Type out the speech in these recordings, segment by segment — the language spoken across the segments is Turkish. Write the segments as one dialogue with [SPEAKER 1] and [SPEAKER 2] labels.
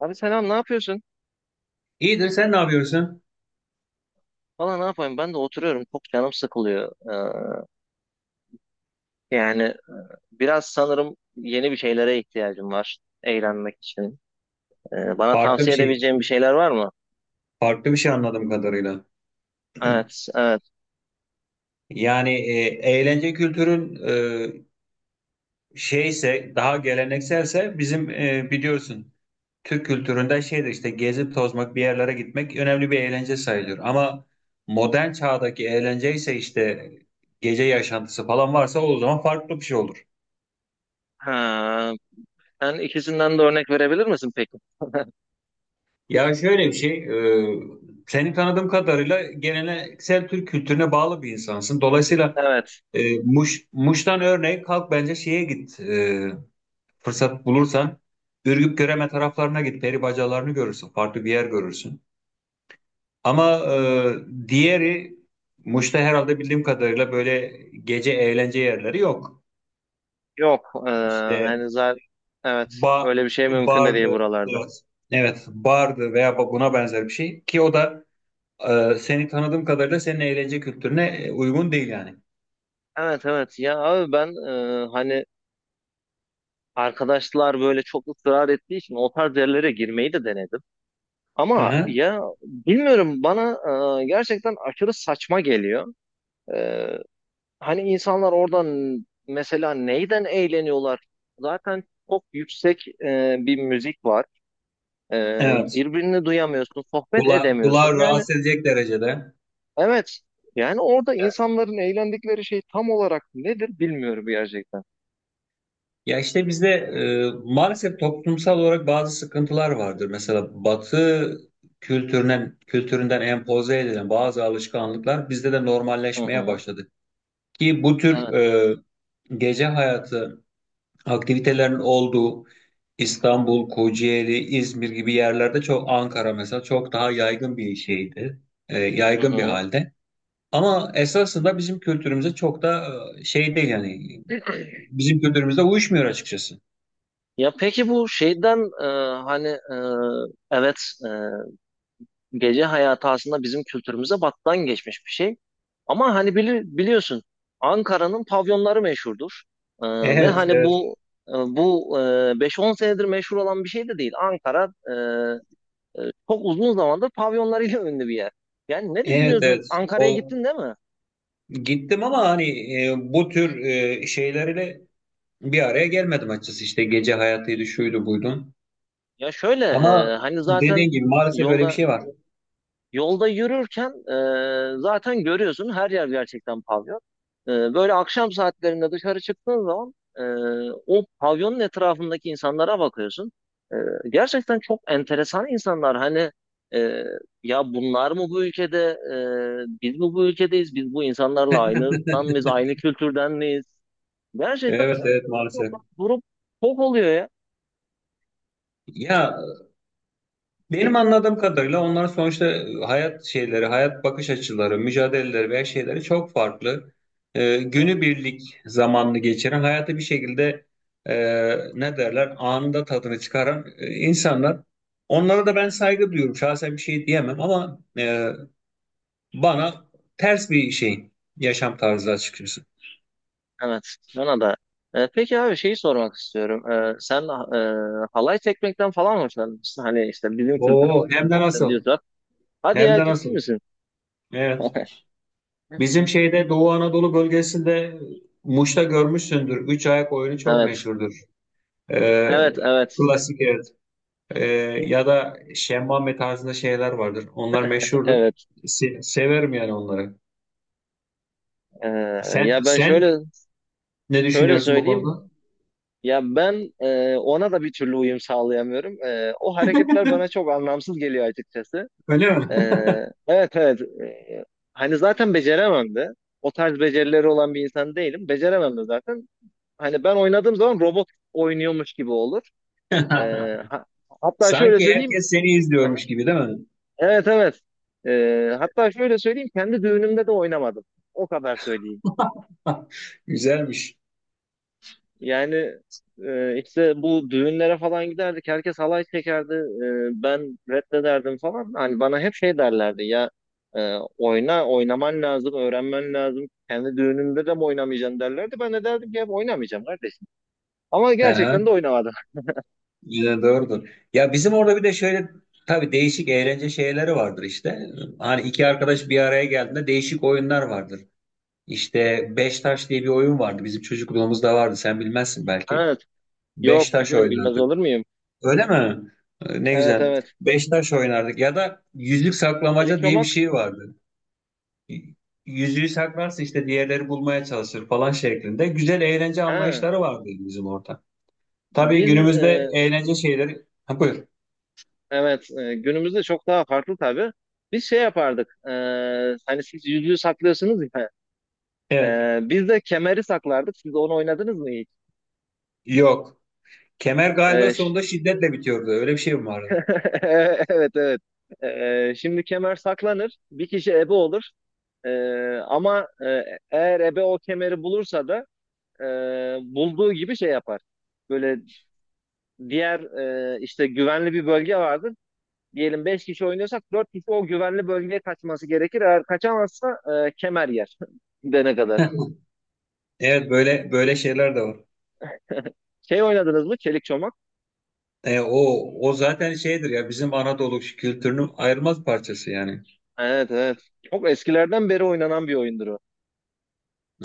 [SPEAKER 1] Abi selam, ne yapıyorsun?
[SPEAKER 2] İyidir, sen ne yapıyorsun?
[SPEAKER 1] Valla ne yapayım, ben de oturuyorum, çok canım sıkılıyor. Yani biraz sanırım yeni bir şeylere ihtiyacım var eğlenmek için. Bana
[SPEAKER 2] Farklı bir
[SPEAKER 1] tavsiye
[SPEAKER 2] şey,
[SPEAKER 1] edebileceğin bir şeyler var mı?
[SPEAKER 2] farklı bir şey anladığım kadarıyla.
[SPEAKER 1] Evet, evet.
[SPEAKER 2] Yani eğlence kültürün şeyse, daha gelenekselse bizim biliyorsun Türk kültüründe şeydir işte gezip tozmak, bir yerlere gitmek önemli bir eğlence sayılır. Ama modern çağdaki eğlence ise işte gece yaşantısı falan varsa o zaman farklı bir şey olur.
[SPEAKER 1] Ha, sen ikisinden de örnek verebilir misin peki?
[SPEAKER 2] Ya şöyle bir şey, e, seni tanıdığım kadarıyla geleneksel Türk kültürüne bağlı bir insansın. Dolayısıyla
[SPEAKER 1] Evet,
[SPEAKER 2] Muş'tan örneğin kalk bence şeye git. Fırsat bulursan Ürgüp Göreme taraflarına git. Peri bacalarını görürsün. Farklı bir yer görürsün. Ama diğeri Muş'ta herhalde bildiğim kadarıyla böyle gece eğlence yerleri yok.
[SPEAKER 1] yok.
[SPEAKER 2] İşte
[SPEAKER 1] Hani zaten evet,
[SPEAKER 2] ba,
[SPEAKER 1] öyle bir şey mümkün de değil
[SPEAKER 2] bardı.
[SPEAKER 1] buralarda.
[SPEAKER 2] Biraz. Evet, bardı veya buna benzer bir şey ki o da seni tanıdığım kadarıyla senin eğlence kültürüne uygun değil yani.
[SPEAKER 1] Evet evet, ya abi ben hani arkadaşlar böyle çok ısrar ettiği için o tarz yerlere girmeyi de denedim.
[SPEAKER 2] Hı
[SPEAKER 1] Ama
[SPEAKER 2] hı.
[SPEAKER 1] ya bilmiyorum, bana gerçekten aşırı saçma geliyor. E, Hani insanlar oradan mesela neyden eğleniyorlar? Zaten çok yüksek bir müzik var. E,
[SPEAKER 2] Evet.
[SPEAKER 1] Birbirini duyamıyorsun, sohbet edemiyorsun.
[SPEAKER 2] Kulağı
[SPEAKER 1] Yani
[SPEAKER 2] rahatsız edecek derecede.
[SPEAKER 1] evet, yani orada insanların eğlendikleri şey tam olarak nedir bilmiyorum gerçekten.
[SPEAKER 2] Ya işte bizde maalesef toplumsal olarak bazı sıkıntılar vardır. Mesela Batı kültüründen empoze edilen bazı alışkanlıklar bizde de
[SPEAKER 1] Hı
[SPEAKER 2] normalleşmeye
[SPEAKER 1] hı.
[SPEAKER 2] başladı. Ki bu tür
[SPEAKER 1] Evet.
[SPEAKER 2] gece hayatı aktivitelerin olduğu İstanbul, Kocaeli, İzmir gibi yerlerde çok Ankara mesela çok daha yaygın bir şeydi.
[SPEAKER 1] Hı
[SPEAKER 2] Yaygın bir
[SPEAKER 1] hı.
[SPEAKER 2] halde. Ama esasında bizim kültürümüze çok da şey değil yani. Bizim kültürümüzde uyuşmuyor açıkçası.
[SPEAKER 1] Ya peki bu şeyden hani e, evet, e, gece hayatı aslında bizim kültürümüze battan geçmiş bir şey. Ama hani biliyorsun, Ankara'nın pavyonları meşhurdur. Ee, Ve
[SPEAKER 2] Evet,
[SPEAKER 1] hani
[SPEAKER 2] evet.
[SPEAKER 1] bu 5-10 senedir meşhur olan bir şey de değil. Ankara e, çok uzun zamandır pavyonlarıyla ünlü bir yer. Yani ne
[SPEAKER 2] Evet,
[SPEAKER 1] düşünüyordun?
[SPEAKER 2] evet.
[SPEAKER 1] Ankara'ya
[SPEAKER 2] O
[SPEAKER 1] gittin değil mi?
[SPEAKER 2] gittim ama hani bu tür şeylerle bir araya gelmedim açıkçası. İşte gece hayatıydı, şuydu, buydu.
[SPEAKER 1] Ya şöyle
[SPEAKER 2] Ama
[SPEAKER 1] hani zaten
[SPEAKER 2] dediğin gibi maalesef böyle bir
[SPEAKER 1] yolda
[SPEAKER 2] şey var.
[SPEAKER 1] yolda yürürken zaten görüyorsun, her yer gerçekten pavyon. Böyle akşam saatlerinde dışarı çıktığın zaman o pavyonun etrafındaki insanlara bakıyorsun. E, Gerçekten çok enteresan insanlar. Hani e, ya bunlar mı bu ülkede? Biz mi bu ülkedeyiz? Biz bu insanlarla aynı ırktan mıyız? Aynı kültürden miyiz? Gerçekten
[SPEAKER 2] Evet, evet
[SPEAKER 1] çok
[SPEAKER 2] maalesef.
[SPEAKER 1] durup çok oluyor ya.
[SPEAKER 2] Ya, benim anladığım kadarıyla onların sonuçta hayat şeyleri, hayat bakış açıları, mücadeleleri veya şeyleri çok farklı. Günübirlik zamanını geçiren, hayatı bir şekilde e, ne derler, anında tadını çıkaran insanlar. Onlara da ben saygı duyuyorum. Şahsen bir şey diyemem ama bana ters bir şey yaşam tarzı açıkçası.
[SPEAKER 1] Evet, bana da. Peki abi, şeyi sormak istiyorum. Sen halay çekmekten falan hoşlanmışsın. Hani işte bizim
[SPEAKER 2] Oo,
[SPEAKER 1] kültürümüzden
[SPEAKER 2] hem de nasıl?
[SPEAKER 1] bahsediyorsan. Hadi
[SPEAKER 2] Hem
[SPEAKER 1] ya,
[SPEAKER 2] de
[SPEAKER 1] ciddi
[SPEAKER 2] nasıl?
[SPEAKER 1] misin?
[SPEAKER 2] Evet. Bizim şeyde Doğu Anadolu bölgesinde Muş'ta görmüşsündür. Üç ayak oyunu çok
[SPEAKER 1] Evet,
[SPEAKER 2] meşhurdur. Ee,
[SPEAKER 1] evet, evet,
[SPEAKER 2] klasik evet. Ee, ya da şemmame tarzında şeyler vardır. Onlar meşhurdur.
[SPEAKER 1] evet.
[SPEAKER 2] Severim yani onları.
[SPEAKER 1] E, ya ben şöyle
[SPEAKER 2] Sen ne
[SPEAKER 1] şöyle
[SPEAKER 2] düşünüyorsun bu
[SPEAKER 1] söyleyeyim.
[SPEAKER 2] konuda?
[SPEAKER 1] Ya ben ona da bir türlü uyum sağlayamıyorum. O hareketler bana çok anlamsız geliyor açıkçası.
[SPEAKER 2] Öyle mi?
[SPEAKER 1] E, evet, evet. Hani zaten beceremem de. O tarz becerileri olan bir insan değilim. Beceremem de zaten. Hani ben oynadığım zaman robot oynuyormuş gibi olur. Ee, ha- Hatta şöyle
[SPEAKER 2] Sanki
[SPEAKER 1] söyleyeyim.
[SPEAKER 2] herkes seni
[SPEAKER 1] Aha,
[SPEAKER 2] izliyormuş gibi değil mi?
[SPEAKER 1] evet evet. Hatta şöyle söyleyeyim. Kendi düğünümde de oynamadım. O kadar söyleyeyim.
[SPEAKER 2] Güzelmiş.
[SPEAKER 1] Yani işte bu düğünlere falan giderdik. Herkes halay çekerdi. Ben reddederdim falan. Hani bana hep şey derlerdi ya, oyna, oynaman lazım, öğrenmen lazım. Kendi düğününde de mi oynamayacaksın derlerdi. Ben de derdim ki hep, oynamayacağım kardeşim. Ama
[SPEAKER 2] Aha.
[SPEAKER 1] gerçekten de oynamadım.
[SPEAKER 2] Yine doğrudur. Ya bizim orada bir de şöyle tabii değişik eğlence şeyleri vardır işte. Hani iki arkadaş bir araya geldiğinde değişik oyunlar vardır. İşte beş taş diye bir oyun vardı. Bizim çocukluğumuzda vardı. Sen bilmezsin belki.
[SPEAKER 1] Evet.
[SPEAKER 2] Beş
[SPEAKER 1] Yok,
[SPEAKER 2] taş
[SPEAKER 1] bilirim, bilmez
[SPEAKER 2] oynardık.
[SPEAKER 1] olur muyum?
[SPEAKER 2] Öyle mi? Ne
[SPEAKER 1] Evet
[SPEAKER 2] güzel.
[SPEAKER 1] evet.
[SPEAKER 2] Beş taş oynardık. Ya da yüzlük saklamaca diye bir
[SPEAKER 1] Elektromak.
[SPEAKER 2] şey vardı. Yüzüğü saklarsın işte diğerleri bulmaya çalışır falan şeklinde. Güzel eğlence
[SPEAKER 1] Ha.
[SPEAKER 2] anlayışları vardı bizim orada. Tabii
[SPEAKER 1] Biz
[SPEAKER 2] günümüzde
[SPEAKER 1] e,
[SPEAKER 2] eğlence şeyleri... Ha, buyur.
[SPEAKER 1] evet, günümüzde çok daha farklı tabii. Biz şey yapardık. Hani siz yüzüğü saklıyorsunuz ya.
[SPEAKER 2] Evet.
[SPEAKER 1] Biz de kemeri saklardık. Siz onu oynadınız mı hiç?
[SPEAKER 2] Yok. Kemer galiba
[SPEAKER 1] E, ş-
[SPEAKER 2] sonunda şiddetle bitiyordu. Öyle bir şey mi vardı?
[SPEAKER 1] evet evet. Şimdi kemer saklanır. Bir kişi ebe olur. E, ama e, Eğer ebe o kemeri bulursa da e, bulduğu gibi şey yapar. Böyle diğer işte güvenli bir bölge vardır. Diyelim 5 kişi oynuyorsak, 4 kişi o güvenli bölgeye kaçması gerekir. Eğer kaçamazsa kemer yer gidene kadar.
[SPEAKER 2] Evet böyle böyle şeyler de var.
[SPEAKER 1] Şey oynadınız mı? Çelik çomak?
[SPEAKER 2] O o zaten şeydir ya bizim Anadolu kültürünün ayrılmaz parçası yani.
[SPEAKER 1] Evet evet. Çok eskilerden beri oynanan bir oyundur o.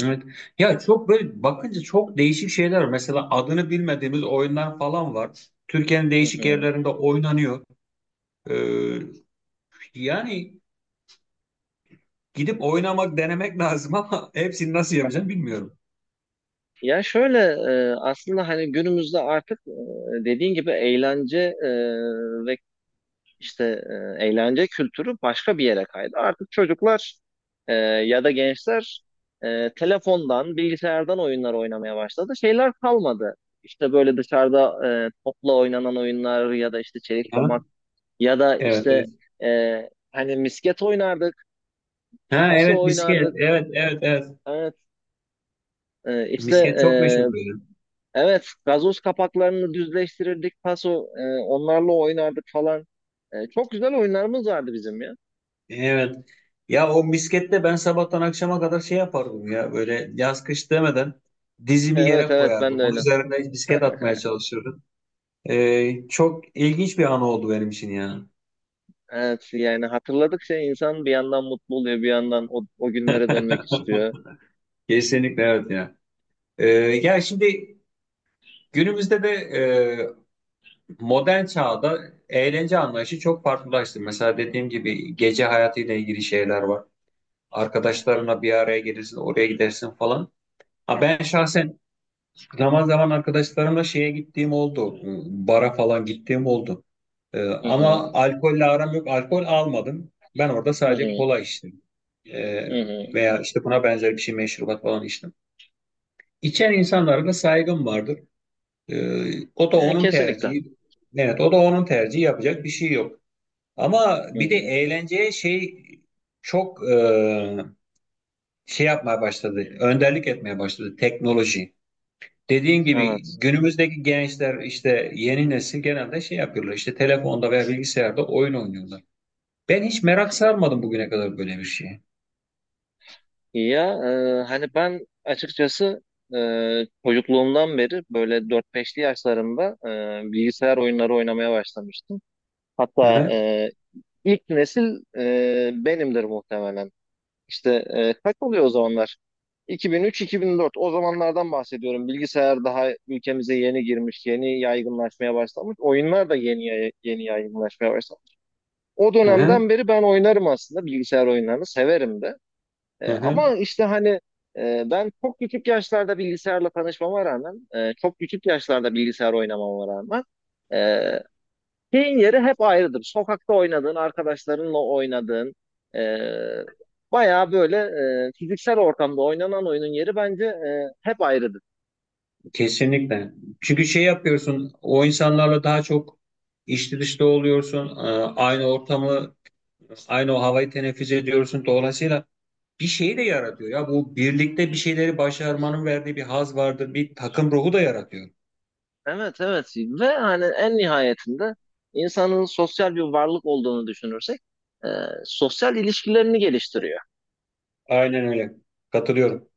[SPEAKER 2] Evet. Ya çok böyle bakınca çok değişik şeyler var. Mesela adını bilmediğimiz oyunlar falan var. Türkiye'nin
[SPEAKER 1] Hı
[SPEAKER 2] değişik
[SPEAKER 1] hı.
[SPEAKER 2] yerlerinde oynanıyor. Ee, yani gidip oynamak denemek lazım ama hepsini nasıl yapacağım bilmiyorum.
[SPEAKER 1] Ya şöyle, aslında hani günümüzde artık e, dediğin gibi eğlence e, ve işte e, eğlence kültürü başka bir yere kaydı. Artık çocuklar ya da gençler telefondan, bilgisayardan oyunlar oynamaya başladı. Şeyler kalmadı. İşte böyle dışarıda topla oynanan oyunlar ya da işte çelik
[SPEAKER 2] Ha?
[SPEAKER 1] çomak ya da
[SPEAKER 2] Evet,
[SPEAKER 1] işte
[SPEAKER 2] evet.
[SPEAKER 1] hani misket oynardık,
[SPEAKER 2] Ha
[SPEAKER 1] taso
[SPEAKER 2] evet misket.
[SPEAKER 1] oynardık.
[SPEAKER 2] Evet evet evet.
[SPEAKER 1] Evet, e, işte
[SPEAKER 2] Misket çok
[SPEAKER 1] e,
[SPEAKER 2] meşhur böyle.
[SPEAKER 1] evet, gazoz kapaklarını düzleştirirdik, taso onlarla oynardık falan. Çok güzel oyunlarımız vardı bizim ya.
[SPEAKER 2] Evet. Ya o miskette ben sabahtan akşama kadar şey yapardım ya böyle yaz kış demeden dizimi
[SPEAKER 1] Evet
[SPEAKER 2] yere
[SPEAKER 1] evet, ben de
[SPEAKER 2] koyardım. Onun
[SPEAKER 1] öyle.
[SPEAKER 2] üzerine misket atmaya çalışırdım. Çok ilginç bir an oldu benim için ya.
[SPEAKER 1] Evet, yani hatırladıkça insan bir yandan mutlu oluyor, bir yandan o, o günlere dönmek istiyor.
[SPEAKER 2] Kesinlikle evet ya. Ya şimdi günümüzde de modern çağda eğlence anlayışı çok farklılaştı. Mesela dediğim gibi gece hayatıyla ilgili şeyler var. Arkadaşlarına bir araya gelirsin, oraya gidersin falan. Ha ben şahsen zaman zaman arkadaşlarımla şeye gittiğim oldu. Bara falan gittiğim oldu.
[SPEAKER 1] Hı
[SPEAKER 2] Ama
[SPEAKER 1] hı,
[SPEAKER 2] alkolle aram yok. Alkol almadım. Ben orada
[SPEAKER 1] hı
[SPEAKER 2] sadece
[SPEAKER 1] hı,
[SPEAKER 2] kola içtim. Ee,
[SPEAKER 1] hı hı.
[SPEAKER 2] veya işte buna benzer bir şey meşrubat falan içtim. İçen insanlara da saygım vardır. O da
[SPEAKER 1] Ya,
[SPEAKER 2] onun
[SPEAKER 1] kesinlikle.
[SPEAKER 2] tercihi. Evet, o da onun tercihi yapacak bir şey yok. Ama
[SPEAKER 1] Hı
[SPEAKER 2] bir de
[SPEAKER 1] hı,
[SPEAKER 2] eğlenceye şey çok şey yapmaya başladı. Önderlik etmeye başladı teknoloji. Dediğin gibi
[SPEAKER 1] evet.
[SPEAKER 2] günümüzdeki gençler işte yeni nesil genelde şey yapıyorlar işte telefonda veya bilgisayarda oyun oynuyorlar. Ben hiç merak sarmadım bugüne kadar böyle bir şeye.
[SPEAKER 1] Ya hani ben açıkçası e, çocukluğumdan beri böyle dört beşli yaşlarımda bilgisayar oyunları oynamaya başlamıştım.
[SPEAKER 2] Hı
[SPEAKER 1] Hatta
[SPEAKER 2] hı,
[SPEAKER 1] e, ilk nesil benimdir muhtemelen. İşte kaç oluyor o zamanlar? 2003-2004, o zamanlardan bahsediyorum. Bilgisayar daha ülkemize yeni girmiş, yeni yaygınlaşmaya başlamış. Oyunlar da yeni yaygınlaşmaya başlamış. O
[SPEAKER 2] hı hı,
[SPEAKER 1] dönemden beri ben oynarım aslında, bilgisayar oyunlarını severim de.
[SPEAKER 2] hı hı.
[SPEAKER 1] Ama işte hani ben çok küçük yaşlarda bilgisayarla tanışmama rağmen, çok küçük yaşlarda bilgisayar oynamama rağmen, e, şeyin yeri hep ayrıdır. Sokakta oynadığın, arkadaşlarınla oynadığın, e, bayağı böyle fiziksel ortamda oynanan oyunun yeri bence hep ayrıdır.
[SPEAKER 2] Kesinlikle. Çünkü şey yapıyorsun o insanlarla daha çok içli dışlı oluyorsun. Aynı ortamı aynı o havayı teneffüs ediyorsun. Dolayısıyla bir şey de yaratıyor ya bu birlikte bir şeyleri başarmanın verdiği bir haz vardır. Bir takım ruhu da yaratıyor.
[SPEAKER 1] Evet, evet. Ve hani en nihayetinde insanın sosyal bir varlık olduğunu düşünürsek, e, sosyal ilişkilerini geliştiriyor.
[SPEAKER 2] Aynen öyle. Katılıyorum.